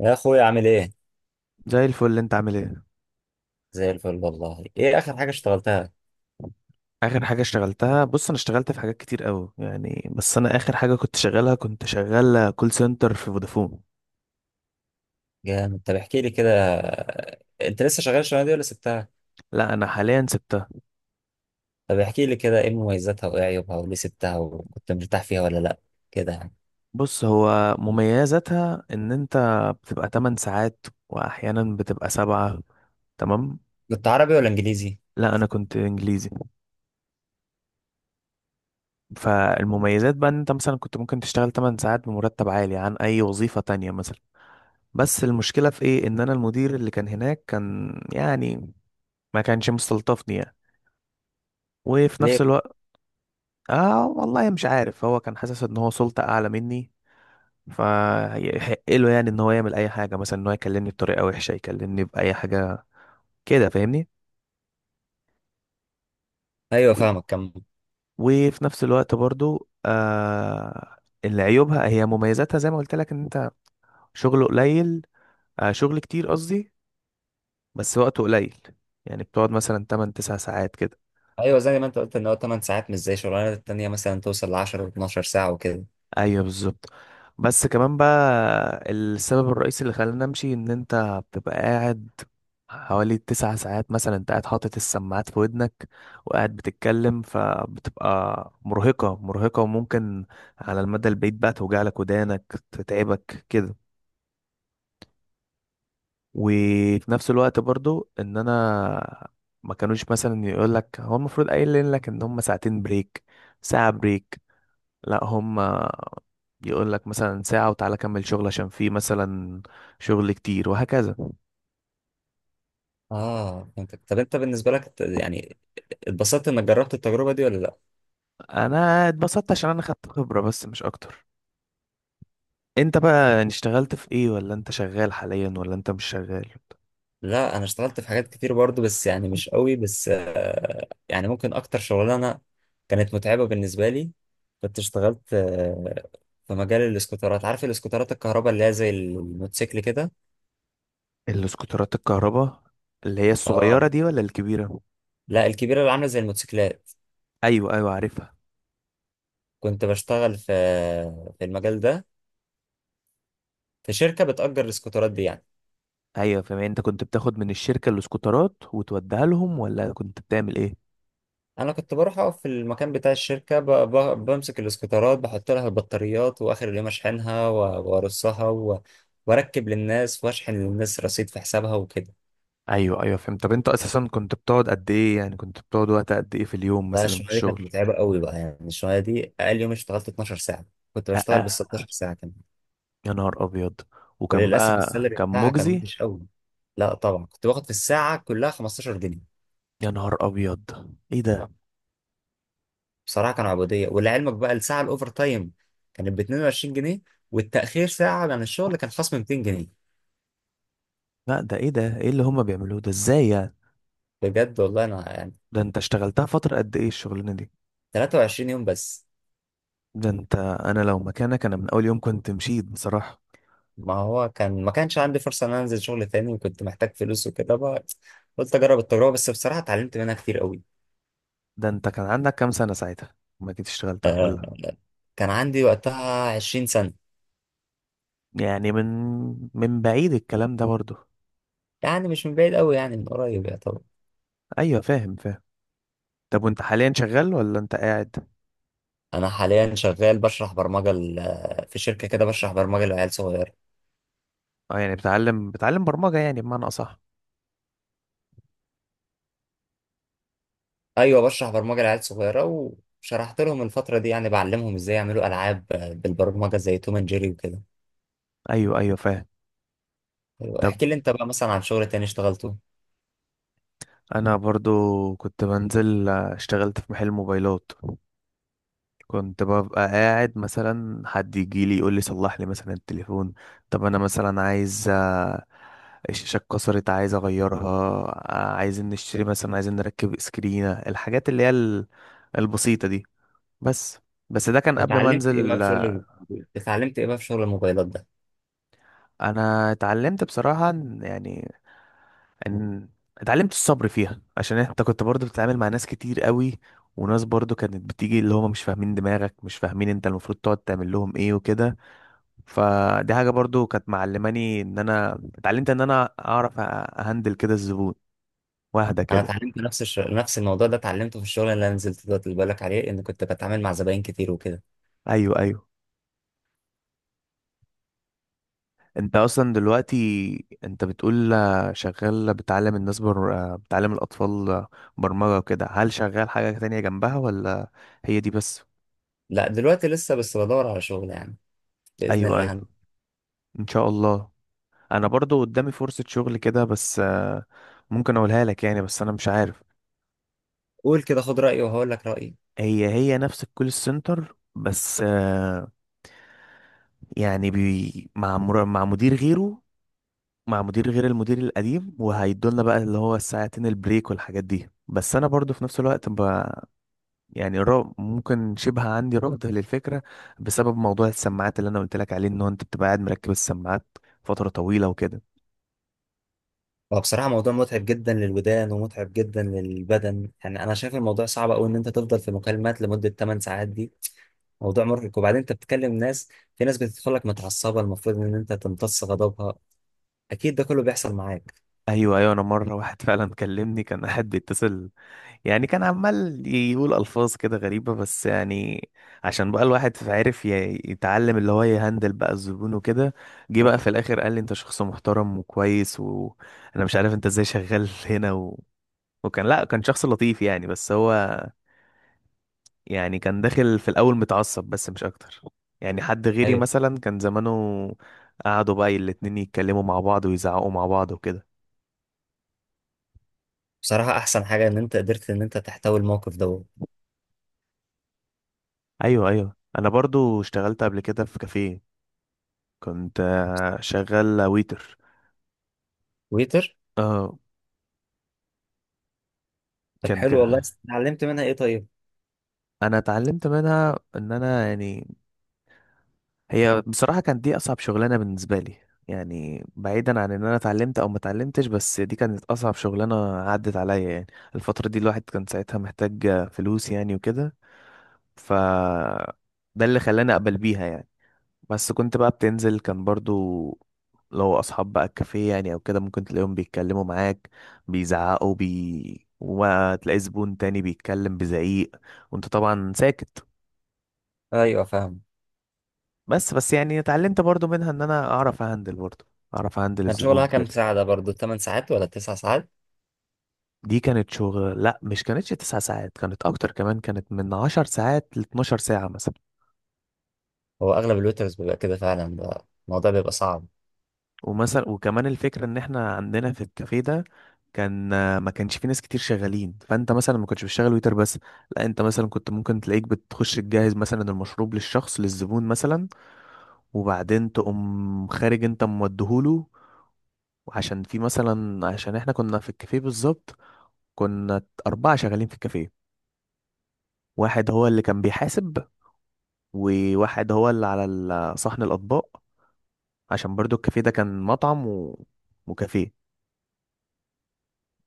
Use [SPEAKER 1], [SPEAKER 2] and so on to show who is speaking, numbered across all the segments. [SPEAKER 1] يا اخويا، عامل ايه؟
[SPEAKER 2] زي الفل. انت عامل ايه؟
[SPEAKER 1] زي الفل والله. ايه اخر حاجه اشتغلتها؟
[SPEAKER 2] اخر حاجه اشتغلتها، بص، انا اشتغلت في حاجات كتير قوي يعني، بس انا اخر حاجه كنت شغال كول سنتر في فودافون.
[SPEAKER 1] جامد. طب احكي لي كده. انت لسه شغال الشغلانه دي ولا سبتها؟
[SPEAKER 2] لا انا حاليا سبتها.
[SPEAKER 1] طب احكي لي كده، ايه مميزاتها وايه عيوبها وليه سبتها، وكنت مرتاح فيها ولا لا، كده يعني.
[SPEAKER 2] بص، هو مميزاتها ان انت بتبقى 8 ساعات واحيانا بتبقى 7. تمام.
[SPEAKER 1] كنت عربي ولا انجليزي؟
[SPEAKER 2] لا انا كنت انجليزي. فالمميزات بقى ان انت مثلا كنت ممكن تشتغل 8 ساعات بمرتب عالي عن اي وظيفه تانية مثلا، بس المشكله في ايه؟ ان انا المدير اللي كان هناك كان يعني ما كانش مستلطفني يعني، وفي
[SPEAKER 1] ليه؟
[SPEAKER 2] نفس الوقت، اه والله مش عارف، هو كان حاسس ان هو سلطة اعلى مني فيحق له يعني ان هو يعمل اي حاجة، مثلا ان هو يكلمني بطريقة وحشة، يكلمني بأي حاجة كده، فاهمني؟
[SPEAKER 1] ايوه
[SPEAKER 2] و-
[SPEAKER 1] فاهمك كم.
[SPEAKER 2] وفي نفس الوقت برضو اللي عيوبها هي مميزاتها زي ما قلت لك، ان انت شغله قليل، شغل كتير قصدي، بس وقته قليل، يعني بتقعد مثلا 8 9 ساعات كده.
[SPEAKER 1] ايوه، زي ما انت قلت ان هو 8 ساعات، مش زي الشغلانه التانيه مثلا توصل ل 10 و12 ساعه وكده.
[SPEAKER 2] ايوه بالظبط. بس كمان بقى السبب الرئيسي اللي خلاني امشي، ان انت بتبقى قاعد حوالي 9 ساعات مثلا، انت قاعد حاطط السماعات في ودنك وقاعد بتتكلم، فبتبقى مرهقة مرهقة، وممكن على المدى البعيد بقى توجع لك ودانك، تتعبك كده. وفي نفس الوقت برضو ان انا ما كانوش مثلا، يقول لك هو المفروض قايل لك ان هم ساعتين بريك، ساعة بريك، لا هم يقول لك مثلا ساعة وتعالى كمل شغل، عشان في مثلا شغل كتير وهكذا.
[SPEAKER 1] اه، فهمتك. طب انت بالنسبه لك يعني اتبسطت انك جربت التجربه دي ولا لا؟
[SPEAKER 2] انا اتبسطت عشان انا خدت خبرة، بس مش اكتر. انت بقى يعني اشتغلت في ايه؟ ولا انت شغال حاليا ولا انت مش شغال؟
[SPEAKER 1] لا انا اشتغلت في حاجات كتير برضو، بس يعني مش قوي. بس يعني ممكن اكتر شغلانه كانت متعبه بالنسبه لي كنت اشتغلت في مجال الاسكوترات. عارف الاسكوترات الكهرباء اللي هي زي الموتوسيكل كده؟
[SPEAKER 2] الاسكوترات الكهرباء اللي هي الصغيرة
[SPEAKER 1] اه،
[SPEAKER 2] دي ولا الكبيرة؟
[SPEAKER 1] لا الكبيره اللي عامله زي الموتوسيكلات.
[SPEAKER 2] ايوه ايوه عارفها.
[SPEAKER 1] كنت بشتغل في المجال ده، في شركه بتأجر الاسكوترات دي يعني.
[SPEAKER 2] ايوه فاهم. انت كنت بتاخد من الشركة الاسكوترات وتوديها لهم، ولا كنت بتعمل ايه؟
[SPEAKER 1] انا كنت بروح اقف في المكان بتاع الشركه، بمسك الاسكوترات، بحط لها البطاريات، واخر اليوم اشحنها وارصها واركب للناس واشحن للناس رصيد في حسابها وكده.
[SPEAKER 2] ايوه ايوه فهمت. طب انت اساسا كنت بتقعد قد ايه؟ يعني كنت بتقعد وقت قد ايه في اليوم
[SPEAKER 1] لا اه،
[SPEAKER 2] مثلا في
[SPEAKER 1] الشغلانه دي كانت
[SPEAKER 2] الشغل؟
[SPEAKER 1] متعبه قوي بقى، يعني الشغلانه دي اقل يوم اشتغلت 12 ساعه، كنت بشتغل بال 16 ساعه كمان.
[SPEAKER 2] يا نهار ابيض. وكان
[SPEAKER 1] وللاسف
[SPEAKER 2] بقى
[SPEAKER 1] السالري
[SPEAKER 2] كان
[SPEAKER 1] بتاعها كان
[SPEAKER 2] مجزي؟
[SPEAKER 1] وحش قوي. لا طبعا، كنت باخد في الساعه كلها 15 جنيه.
[SPEAKER 2] يا نهار ابيض، ايه ده؟
[SPEAKER 1] بصراحه كانوا عبوديه. ولعلمك بقى الساعه الاوفر تايم كانت ب 22 جنيه، والتاخير ساعه عن الشغل كان خصم 200 جنيه.
[SPEAKER 2] لا ده ايه ده؟ ايه اللي هما بيعملوه ده؟ ازاي يعني؟
[SPEAKER 1] بجد والله، انا يعني
[SPEAKER 2] ده انت اشتغلتها فترة قد ايه الشغلانة دي؟
[SPEAKER 1] 23 يوم بس.
[SPEAKER 2] ده انت، انا لو مكانك انا من اول يوم كنت مشيت بصراحة.
[SPEAKER 1] ما هو ما كانش عندي فرصة ان انا انزل شغل تاني، وكنت محتاج فلوس وكده بقى. قلت اجرب التجربة، بس بصراحة اتعلمت منها كتير قوي.
[SPEAKER 2] ده انت كان عندك كام سنة ساعتها ما كنت اشتغلتها
[SPEAKER 1] آه،
[SPEAKER 2] ولا؟
[SPEAKER 1] كان عندي وقتها 20 سنة.
[SPEAKER 2] يعني من بعيد الكلام ده برضه؟
[SPEAKER 1] يعني مش من بعيد قوي، يعني من قريب، يا طبعا.
[SPEAKER 2] ايوه فاهم فاهم. طب وانت حاليا شغال ولا انت قاعد؟
[SPEAKER 1] انا حاليا شغال بشرح برمجة في شركة كده بشرح برمجة لعيال صغيرة.
[SPEAKER 2] اه يعني بتعلم برمجة يعني بمعنى اصح؟
[SPEAKER 1] ايوه، بشرح برمجة لعيال صغيرة، وشرحت لهم الفترة دي، يعني بعلمهم ازاي يعملوا العاب بالبرمجة زي توم اند جيري وكده.
[SPEAKER 2] ايوه ايوه فاهم.
[SPEAKER 1] أيوة،
[SPEAKER 2] طب
[SPEAKER 1] احكي لي انت بقى مثلا عن شغل تاني اشتغلته.
[SPEAKER 2] انا برضو كنت بنزل، اشتغلت في محل موبايلات، كنت ببقى قاعد مثلا حد يجي لي يقول لي صلح لي مثلا التليفون، طب انا مثلا عايز، الشاشه اتكسرت عايز اغيرها، عايزين نشتري مثلا، عايزين نركب سكرينه، الحاجات اللي هي البسيطه دي بس بس ده كان قبل ما
[SPEAKER 1] واتعلمت ايه بقى
[SPEAKER 2] انزل.
[SPEAKER 1] في شغل اتعلمت ايه بقى في شغل الموبايلات ده؟
[SPEAKER 2] انا اتعلمت بصراحه يعني، ان اتعلمت الصبر فيها، عشان انت كنت برضو بتتعامل مع ناس كتير قوي، وناس برضو كانت بتيجي اللي هم مش فاهمين دماغك، مش فاهمين انت المفروض تقعد تعمل لهم ايه وكده، فدي حاجة برضو كانت معلماني، ان انا اتعلمت ان انا اعرف اهندل كده الزبون واهدى
[SPEAKER 1] انا
[SPEAKER 2] كده.
[SPEAKER 1] اتعلمت نفس الموضوع ده اتعلمته في الشغل اللي انا نزلت ده اللي بالك عليه، ان كنت بتعامل مع زباين كتير وكده.
[SPEAKER 2] ايوه ايوه. انت اصلا دلوقتي انت بتقول شغال بتعلم الاطفال برمجة وكده، هل شغال حاجة تانية جنبها ولا هي دي بس؟
[SPEAKER 1] لا دلوقتي لسه بس بدور على شغل يعني، باذن
[SPEAKER 2] ايوه ايوه.
[SPEAKER 1] الله هم.
[SPEAKER 2] ان شاء الله. انا برضو قدامي فرصة شغل كده بس ممكن اقولها لك يعني، بس انا مش عارف.
[SPEAKER 1] قول كده خد رايي وهقول لك رايي.
[SPEAKER 2] هي نفس الكول سنتر، بس يعني مع مدير غيره، مع مدير غير المدير القديم، وهيدولنا بقى اللي هو الساعتين البريك والحاجات دي، بس انا برضو في نفس الوقت يعني ممكن شبه عندي رفض للفكرة، بسبب موضوع السماعات اللي انا قلت لك عليه، ان هو انت بتبقى قاعد مركب السماعات فترة طويلة وكده.
[SPEAKER 1] هو بصراحه موضوع متعب جدا للودان ومتعب جدا للبدن. يعني انا شايف الموضوع صعب قوي ان انت تفضل في مكالمات لمده 8 ساعات دي، موضوع مرهق. وبعدين انت بتكلم ناس، في ناس بتدخل لك متعصبه المفروض ان انت تمتص غضبها. اكيد ده كله بيحصل معاك.
[SPEAKER 2] ايوه ايوه. انا مرة واحد فعلا كلمني كان قاعد بيتصل، يعني كان عمال يقول ألفاظ كده غريبة، بس يعني عشان بقى الواحد عرف يتعلم اللي هو يهندل بقى الزبون وكده، جه بقى في الآخر قال لي أنت شخص محترم وكويس، وأنا مش عارف أنت إزاي شغال هنا و... وكان، لأ كان شخص لطيف يعني، بس هو يعني كان داخل في الأول متعصب بس مش أكتر. يعني حد غيري
[SPEAKER 1] ايوه.
[SPEAKER 2] مثلا كان زمانه قعدوا بقى الاتنين يتكلموا مع بعض ويزعقوا مع بعض وكده.
[SPEAKER 1] بصراحة أحسن حاجة إن أنت قدرت إن أنت تحتوي الموقف دوت.
[SPEAKER 2] أيوه أيوه. أنا برضو اشتغلت قبل كده في كافيه، كنت شغال ويتر.
[SPEAKER 1] ويتر.
[SPEAKER 2] اه.
[SPEAKER 1] طب
[SPEAKER 2] كان
[SPEAKER 1] حلو والله.
[SPEAKER 2] كده.
[SPEAKER 1] اتعلمت منها إيه طيب؟
[SPEAKER 2] انا اتعلمت منها ان انا يعني، هي بصراحة كانت دي اصعب شغلانة بالنسبة لي، يعني بعيدا عن ان انا اتعلمت او ما اتعلمتش، بس دي كانت اصعب شغلانة عدت عليا يعني. الفترة دي الواحد كان ساعتها محتاج فلوس يعني وكده، ف ده اللي خلاني اقبل بيها يعني. بس كنت بقى بتنزل، كان برضو لو اصحاب بقى الكافيه يعني او كده، ممكن تلاقيهم بيتكلموا معاك، بيزعقوا بي، وما تلاقي زبون تاني بيتكلم بزعيق، وانت طبعا ساكت.
[SPEAKER 1] أيوه فاهم.
[SPEAKER 2] بس يعني اتعلمت برضو منها ان انا اعرف اهندل برضو، اعرف اهندل
[SPEAKER 1] كان
[SPEAKER 2] الزبون
[SPEAKER 1] شغلها كام
[SPEAKER 2] كده.
[SPEAKER 1] ساعة، ده برضه 8 ساعات ولا 9 ساعات؟
[SPEAKER 2] دي كانت شغل، لا مش كانتش تسع ساعات، كانت اكتر كمان، كانت من 10 ساعات ل 12 ساعة مثلا.
[SPEAKER 1] هو أغلب الويترز بيبقى كده فعلا بقى، الموضوع بيبقى صعب.
[SPEAKER 2] ومثلا وكمان الفكرة ان احنا عندنا في الكافيه ده كان ما كانش في ناس كتير شغالين، فانت مثلا ما كنتش بتشتغل ويتر بس، لا انت مثلا كنت ممكن تلاقيك بتخش تجهز مثلا المشروب للشخص للزبون مثلا، وبعدين تقوم خارج انت موديهوله. وعشان في مثلا، عشان احنا كنا في الكافيه بالظبط، كنا أربعة شغالين في الكافيه، واحد هو اللي كان بيحاسب، وواحد هو اللي على صحن الأطباق، عشان برضو الكافيه ده كان مطعم و... وكافيه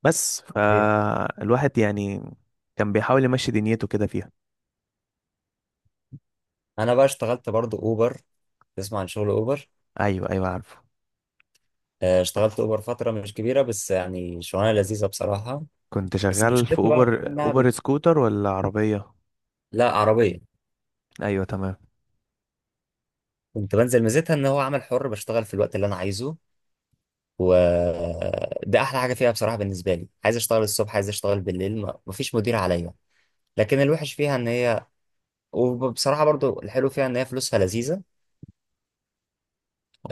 [SPEAKER 2] بس،
[SPEAKER 1] إيه.
[SPEAKER 2] فالواحد يعني كان بيحاول يمشي دنيته كده فيها.
[SPEAKER 1] أنا بقى اشتغلت برضه أوبر. تسمع عن شغل أوبر؟
[SPEAKER 2] ايوه ايوه عارفه.
[SPEAKER 1] اشتغلت أوبر فترة مش كبيرة، بس يعني شغلانة لذيذة بصراحة.
[SPEAKER 2] كنت
[SPEAKER 1] بس
[SPEAKER 2] شغال في
[SPEAKER 1] مشكلتها بقى
[SPEAKER 2] اوبر، اوبر سكوتر ولا عربية؟
[SPEAKER 1] لا، عربية.
[SPEAKER 2] ايوه تمام.
[SPEAKER 1] كنت بنزل، ميزتها إن هو عمل حر، بشتغل في الوقت اللي أنا عايزه، وده احلى حاجه فيها بصراحه بالنسبه لي. عايز اشتغل الصبح، عايز اشتغل بالليل، مفيش مدير عليا. لكن الوحش فيها ان هي، وبصراحه برضو الحلو فيها ان هي فلوسها لذيذه،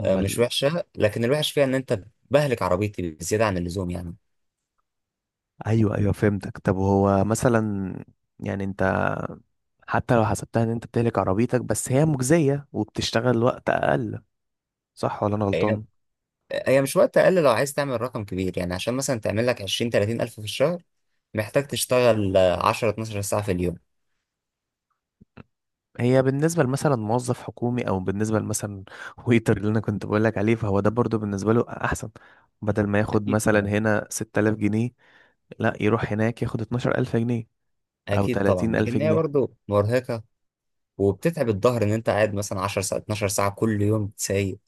[SPEAKER 1] مش وحشه. لكن الوحش فيها ان انت بهلك عربيتي بزياده عن اللزوم يعني.
[SPEAKER 2] ايوه ايوه فهمتك. طب هو مثلا، يعني انت حتى لو حسبتها ان انت بتهلك عربيتك، بس هي مجزية وبتشتغل وقت اقل، صح ولا انا
[SPEAKER 1] هي
[SPEAKER 2] غلطان؟
[SPEAKER 1] هي مش وقت اقل، لو عايز تعمل رقم كبير يعني عشان مثلا تعمل لك 20 30 الف في الشهر، محتاج تشتغل 10 12 ساعه في اليوم.
[SPEAKER 2] هي بالنسبة لمثلا موظف حكومي، أو بالنسبة لمثلا ويتر اللي أنا كنت بقولك عليه، فهو ده برضو بالنسبة له أحسن. بدل ما ياخد
[SPEAKER 1] اكيد
[SPEAKER 2] مثلا
[SPEAKER 1] طبعا.
[SPEAKER 2] هنا 6000 جنيه، لا يروح هناك ياخد 12000 جنيه أو
[SPEAKER 1] اكيد طبعا،
[SPEAKER 2] 30000
[SPEAKER 1] لكن هي
[SPEAKER 2] جنيه
[SPEAKER 1] برضو مرهقه وبتتعب الظهر ان انت قاعد مثلا 10 ساعات 12 ساعه كل يوم سايق.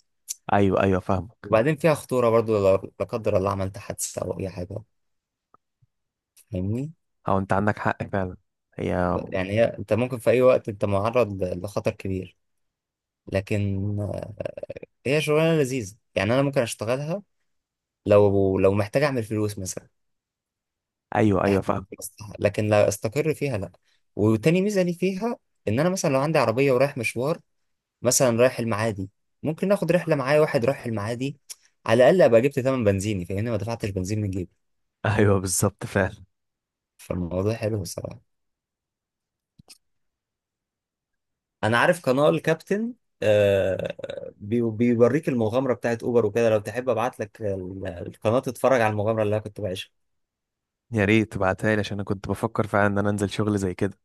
[SPEAKER 2] أيوه أيوه فاهمك.
[SPEAKER 1] وبعدين فيها خطورة برضو لا قدر الله عملت حادثة أو أي حاجة، فاهمني؟
[SPEAKER 2] أو أنت عندك حق فعلا. هي،
[SPEAKER 1] يعني هي أنت ممكن في أي وقت أنت معرض لخطر كبير. لكن هي شغلانة لذيذة، يعني أنا ممكن أشتغلها لو محتاج أعمل فلوس مثلا.
[SPEAKER 2] أيوه أيوه
[SPEAKER 1] إحت-
[SPEAKER 2] فاهم.
[SPEAKER 1] لكن لا أستقر فيها لأ. وتاني ميزة لي فيها إن أنا مثلا لو عندي عربية ورايح مشوار، مثلا رايح المعادي، ممكن آخد رحلة معايا واحد رايح المعادي، على الأقل أبقى جبت تمن بنزيني، فاهمني، ما دفعتش بنزين من جيبي.
[SPEAKER 2] أيوه بالظبط فعلا.
[SPEAKER 1] فالموضوع حلو الصراحة. انا عارف قناة الكابتن، آه، بيوريك المغامرة بتاعت اوبر وكده. لو تحب ابعت لك القناة تتفرج على المغامرة اللي انا كنت بعيشها.
[SPEAKER 2] يا ريت تبعتها لي عشان أنا كنت بفكر فعلا إن أنا أنزل شغل زي كده.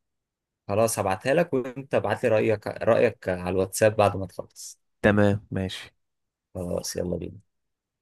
[SPEAKER 1] خلاص هبعتها لك، وانت ابعت لي رأيك، على الواتساب بعد ما تخلص.
[SPEAKER 2] تمام ماشي.
[SPEAKER 1] خلاص يلا بينا.